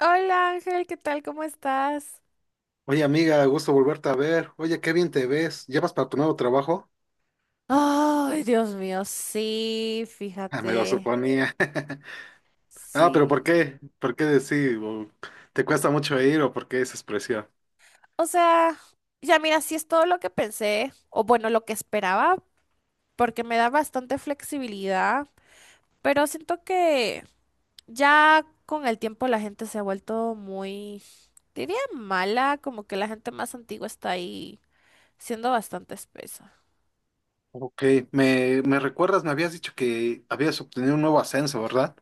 Hola Ángel, ¿qué tal? ¿Cómo estás? Oye, amiga, gusto volverte a ver. Oye, qué bien te ves. ¿Llevas para tu nuevo trabajo? Ay, Dios mío, sí, Ah, me lo fíjate. suponía. Ah, pero ¿por Sí. qué? ¿Por qué decir? ¿O ¿te cuesta mucho ir o por qué esa expresión? O sea, ya mira, sí es todo lo que pensé, o bueno, lo que esperaba, porque me da bastante flexibilidad, pero siento que ya con el tiempo la gente se ha vuelto muy, diría mala, como que la gente más antigua está ahí siendo bastante espesa. Ok, me recuerdas, me habías dicho que habías obtenido un nuevo ascenso, ¿verdad?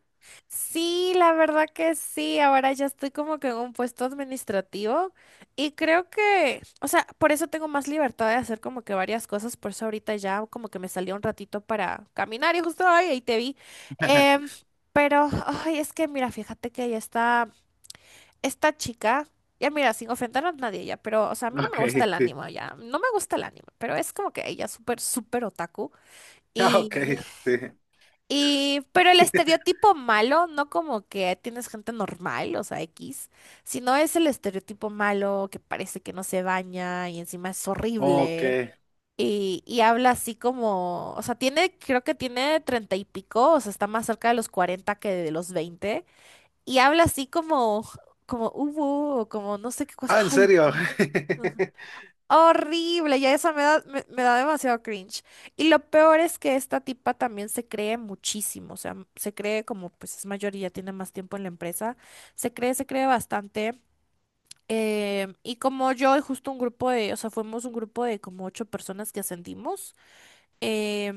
Sí, la verdad que sí. Ahora ya estoy como que en un puesto administrativo y creo que, o sea, por eso tengo más libertad de hacer como que varias cosas. Por eso ahorita ya como que me salió un ratito para caminar y justo ahí te vi. Em, pero, ay, es que mira, fíjate que ya está esta chica. Ya mira, sin ofender a nadie ya, pero, o sea, a mí no me Ok, gusta el sí. ánimo ya. No me gusta el ánimo, pero es como que ella es súper, súper otaku. Ah, ok, sí. Y, pero el estereotipo malo, no como que tienes gente normal, o sea, X, sino es el estereotipo malo que parece que no se baña y encima es Ok. horrible y habla así como, o sea, tiene, creo que tiene treinta y pico, o sea, está más cerca de los cuarenta que de los veinte y habla así como, como hubo, o como no sé qué cosa, Ah, ¿en ay, serio? no. Horrible, ya eso me da demasiado cringe. Y lo peor es que esta tipa también se cree muchísimo, o sea, se cree como pues es mayor y ya tiene más tiempo en la empresa, se cree bastante. Y como yo y justo o sea, fuimos un grupo de como ocho personas que ascendimos. eh,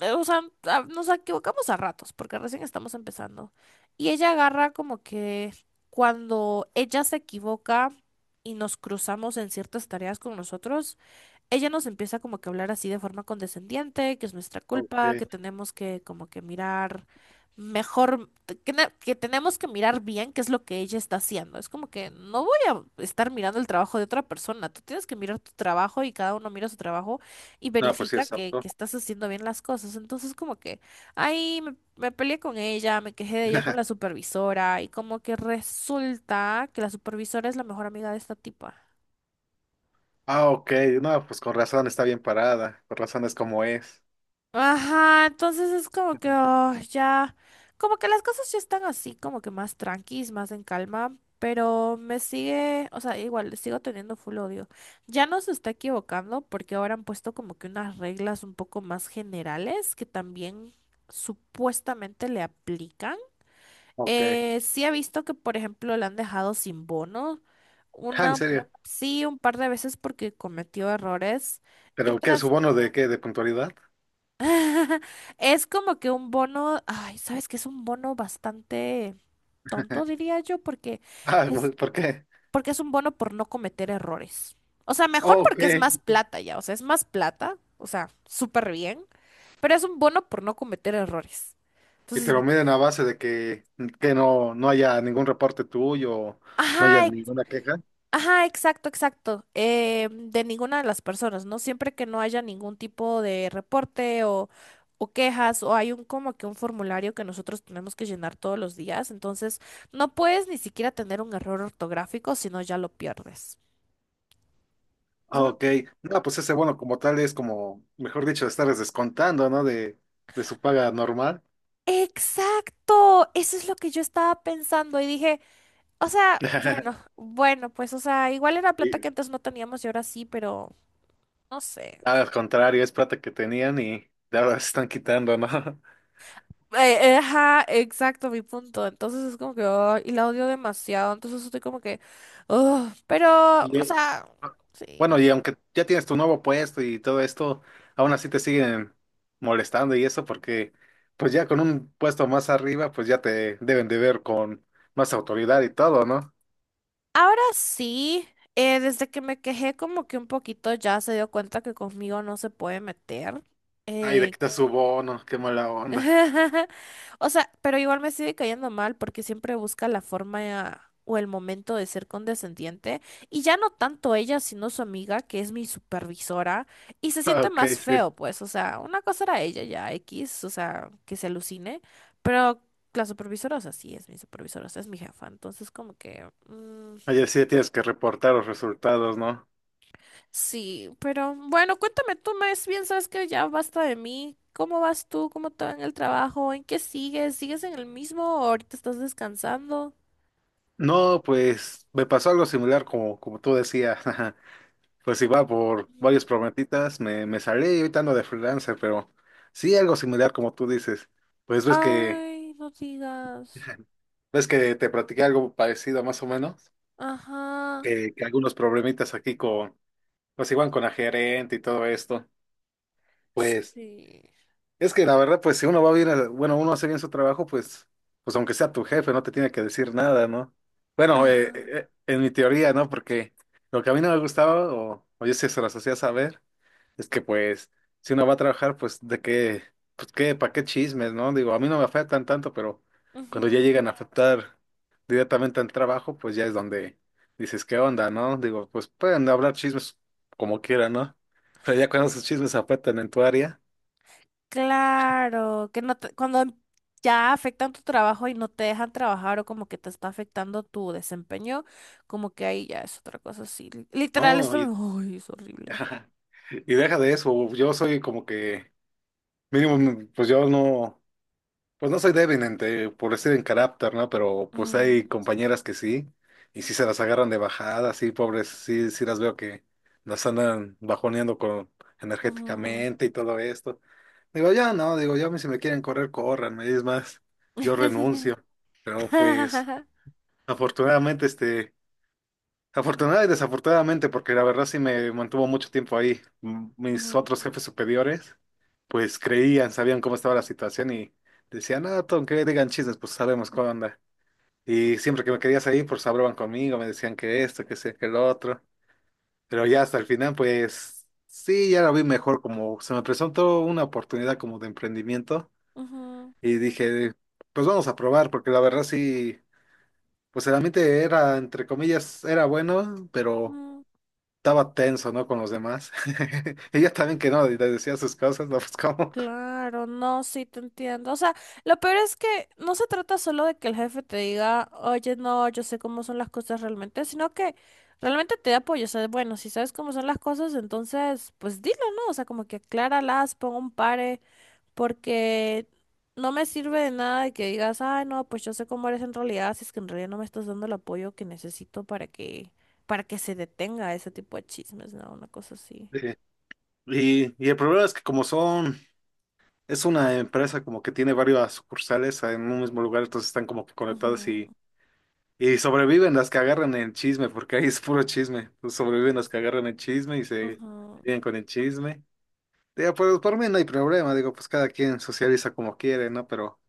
o sea, nos equivocamos a ratos porque recién estamos empezando. Y ella agarra como que cuando ella se equivoca y nos cruzamos en ciertas tareas con nosotros, ella nos empieza como que a hablar así de forma condescendiente, que es nuestra Ok. culpa, que tenemos que como que mirar mejor, que, que tenemos que mirar bien qué es lo que ella está haciendo. Es como que no voy a estar mirando el trabajo de otra persona, tú tienes que mirar tu trabajo y cada uno mira su trabajo y No, pues sí, verifica es apto. que estás haciendo bien las cosas. Entonces como que ahí me peleé con ella, me quejé de ella con la supervisora y como que resulta que la supervisora es la mejor amiga de esta tipa. Ah, ok. No, pues con razón está bien parada. Con razón es como es. Ajá, entonces es como que oh, ya, como que las cosas ya están así, como que más tranquis, más en calma, pero me sigue, o sea, igual le sigo teniendo full odio. Ya no se está equivocando porque ahora han puesto como que unas reglas un poco más generales que también supuestamente le aplican. Ok. Sí he visto que, por ejemplo, le han dejado sin bono, Ah, ¿en una, serio? sí, un par de veces porque cometió errores. Y ¿Pero qué? ¿Su otras. bono de qué? ¿De puntualidad? Es como que un bono, ay, sabes que es un bono bastante tonto, diría yo, Ah, es, güey, ¿por qué? porque es un bono por no cometer errores. O sea, mejor Oh, ok. porque es más plata ya, o sea, es más plata, o sea, súper bien, pero es un bono por no cometer errores. Y te Entonces, lo miden a base de que no haya ningún reporte tuyo, no haya ajá. ninguna queja. Ajá, exacto, exacto. De ninguna de las personas, ¿no? Siempre que no haya ningún tipo de reporte o quejas o hay un como que un formulario que nosotros tenemos que llenar todos los días, entonces no puedes ni siquiera tener un error ortográfico, sino ya lo pierdes. O Ah, sea, me- ok. No, pues ese bono como tal es como, mejor dicho, estarles descontando, ¿no? De su paga normal. exacto, eso es lo que yo estaba pensando y dije, o sea, bueno, bueno, pues, o sea, igual era plata Y que antes no teníamos y ahora sí, pero no sé. al contrario, es plata que tenían y ahora se están quitando, ¿no? Ajá, exacto, mi punto. Entonces es como que, ay, y la odio demasiado. Entonces estoy como que, "Ugh", pero, Y, o sea, sí. bueno, y aunque ya tienes tu nuevo puesto y todo esto, aún así te siguen molestando, y eso porque pues ya con un puesto más arriba pues ya te deben de ver con más autoridad y todo, ¿no? Ahora sí, desde que me quejé como que un poquito ya se dio cuenta que conmigo no se puede meter. Ay, de Eh, quitar su bono, qué mala onda. O sea, pero igual me sigue cayendo mal porque siempre busca la forma o el momento de ser condescendiente. Y ya no tanto ella, sino su amiga, que es mi supervisora. Y se Ah, siente ok, más sí. feo, pues. O sea, una cosa era ella ya, X, o sea, que se alucine. Pero la supervisora, o sea, sí es mi supervisora, o sea, es mi jefa. Entonces, como que... Mm. Ayer sí tienes que reportar los resultados, ¿no? Sí, pero bueno, cuéntame tú más bien, sabes que ya basta de mí. ¿Cómo vas tú? ¿Cómo te va en el trabajo? ¿En qué sigues? ¿Sigues en el mismo o ahorita estás descansando? No, pues me pasó algo similar como, como tú decías. Pues iba por Mm. varios prometitas, me salí y ahorita ando de freelancer, pero sí algo similar como tú dices. Pues ves que, Ay, no digas. ves que te platiqué algo parecido más o menos, Ajá. Que algunos problemitas aquí con, pues igual con la gerente y todo esto. Pues Sí. es que la verdad, pues si uno va bien, bueno, uno hace bien su trabajo, pues, pues aunque sea tu jefe, no te tiene que decir nada, ¿no? Bueno, Ajá. En mi teoría, ¿no? Porque lo que a mí no me gustaba, o yo sí se las hacía saber. Es que pues, si uno va a trabajar, pues de qué, pues qué, para qué chismes, ¿no? Digo, a mí no me afectan tanto, pero cuando ya Ujú. llegan a afectar directamente al trabajo, pues ya es donde dices, ¿qué onda, no? Digo, pues pueden hablar chismes como quieran, ¿no? Pero ya cuando esos chismes afectan en tu área, Claro, que no te- cuando ya afectan tu trabajo y no te dejan trabajar o como que te está afectando tu desempeño, como que ahí ya es otra cosa así. Literal, no, esto y, me... Ay, es horrible. y deja de eso, yo soy como que, mínimo, pues yo no. Pues no soy débil por decir en carácter, ¿no? Pero pues Mm, hay compañeras que sí, y sí se las agarran de bajada, sí, pobres, sí, sí las veo que las andan bajoneando con ujú. energéticamente y todo esto. Digo, ya no, digo, ya a si me quieren correr, corran, es más, yo renuncio. Pero pues, afortunadamente, afortunada y desafortunadamente, porque la verdad sí me mantuvo mucho tiempo ahí. Mis Ujú, otros jefes superiores, pues creían, sabían cómo estaba la situación y decían, ah, Tom, que digan chismes, pues sabemos cómo anda. Y siempre que me querías ahí, pues hablaban conmigo, me decían que esto, que sé, que lo otro. Pero ya hasta el final, pues sí, ya lo vi mejor, como se me presentó una oportunidad como de emprendimiento ujú, y dije, pues vamos a probar, porque la verdad sí, pues el ambiente era, entre comillas, era bueno, pero ujú. estaba tenso, ¿no? Con los demás. Ella también que no, le decía sus cosas, no, pues cómo. Claro, no, sí te entiendo. O sea, lo peor es que no se trata solo de que el jefe te diga, oye, no, yo sé cómo son las cosas realmente, sino que realmente te dé apoyo. O sea, bueno, si sabes cómo son las cosas, entonces, pues dilo, ¿no? O sea, como que acláralas, pon un pare. Porque no me sirve de nada de que digas, ay, no, pues yo sé cómo eres en realidad, si es que en realidad no me estás dando el apoyo que necesito para que se detenga ese tipo de chismes, ¿no? Una cosa así. Eh, y el problema es que como son, es una empresa como que tiene varias sucursales en un mismo lugar, entonces están como que conectadas Ujú, y sobreviven las que agarran el chisme, porque ahí es puro chisme. Pues sobreviven las que agarran el chisme y se ujú, vienen con el chisme. Digo, pues por mí no hay problema, digo, pues cada quien socializa como quiere, ¿no? Pero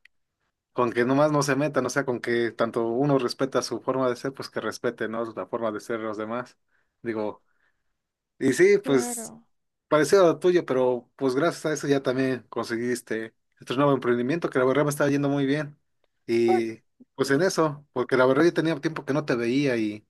con que nomás no se metan, o sea, con que tanto uno respeta su forma de ser, pues que respete, ¿no? La forma de ser de los demás. Digo, y sí, pues claro. parecido a lo tuyo, pero pues gracias a eso ya también conseguiste este nuevo emprendimiento que la verdad me está yendo muy bien. Uy. Y pues en eso, porque la verdad yo tenía tiempo que no te veía y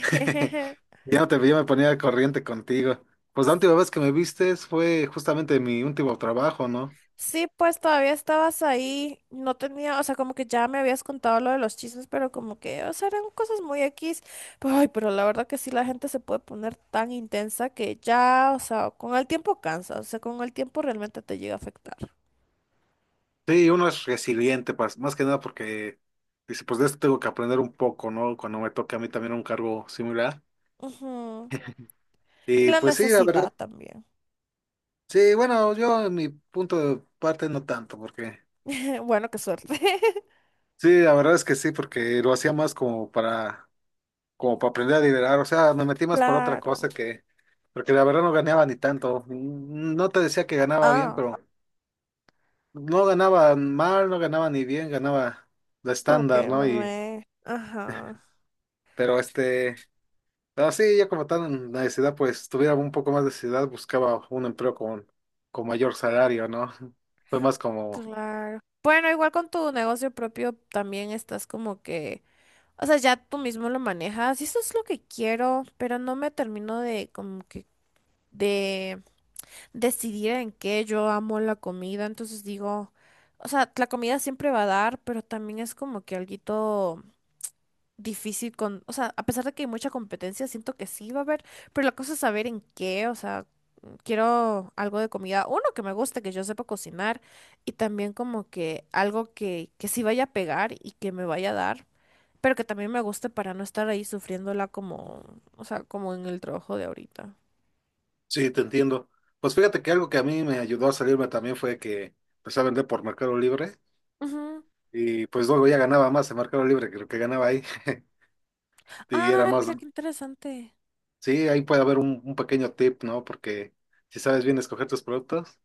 ya no te veía, me ponía al corriente contigo. Pues la última vez que me vistes fue justamente en mi último trabajo, ¿no? Sí, pues todavía estabas ahí, no tenía, o sea, como que ya me habías contado lo de los chismes, pero como que, o sea, eran cosas muy X. Pero, ay, pero la verdad que sí, la gente se puede poner tan intensa que ya, o sea, con el tiempo cansa, o sea, con el tiempo realmente te llega a afectar. Sí, uno es resiliente, más que nada porque dice, pues de esto tengo que aprender un poco, ¿no? Cuando me toque a mí también un cargo similar. Ujú. Y Y la pues sí, la verdad, necesidad también. sí, bueno, yo en mi punto de parte no tanto, porque Bueno, qué suerte. sí, la verdad es que sí, porque lo hacía más como para, como para aprender a liderar, o sea, me metí más por otra cosa Claro. que, porque la verdad no ganaba ni tanto, mm, no te decía que ganaba bien, Ah, pero no ganaba mal, no ganaba ni bien, ganaba lo como estándar, que ¿no? Y, me... Ajá, pero este... pero sí, yo como tal en la necesidad, pues tuviera un poco más de necesidad, buscaba un empleo con mayor salario, ¿no? Fue más como, claro. Bueno, igual con tu negocio propio también estás como que o sea, ya tú mismo lo manejas y eso es lo que quiero, pero no me termino de como que de decidir en qué. Yo amo la comida, entonces digo, o sea, la comida siempre va a dar, pero también es como que alguito difícil con, o sea, a pesar de que hay mucha competencia, siento que sí va a haber, pero la cosa es saber en qué, o sea, quiero algo de comida, uno que me guste, que yo sepa cocinar y también como que algo que sí vaya a pegar y que me vaya a dar, pero que también me guste para no estar ahí sufriéndola como, o sea, como en el trabajo de ahorita. sí, te entiendo. Pues fíjate que algo que a mí me ayudó a salirme también fue que empecé a vender por Mercado Libre, Ujú. y pues luego ya ganaba más en Mercado Libre que lo que ganaba ahí. Y era Ay, más, mira qué interesante. sí, ahí puede haber un pequeño tip, ¿no? Porque si sabes bien escoger tus productos,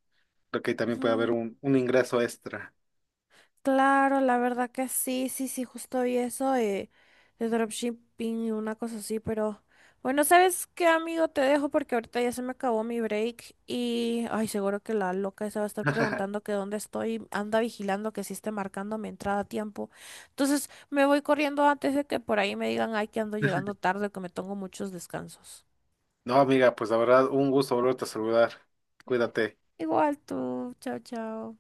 creo que ahí también puede haber Ujú. Un ingreso extra. Claro, la verdad que sí, sí, sí, justo vi eso, de dropshipping y una cosa así, pero bueno, ¿sabes qué, amigo? Te dejo porque ahorita ya se me acabó mi break y ay, seguro que la loca esa va a estar preguntando que dónde estoy, anda vigilando que sí esté marcando mi entrada a tiempo. Entonces, me voy corriendo antes de que por ahí me digan, ay, que ando llegando tarde, que me tengo muchos descansos. No, amiga, pues la verdad, un gusto volverte a saludar. Cuídate. Igual tú, chao, chao.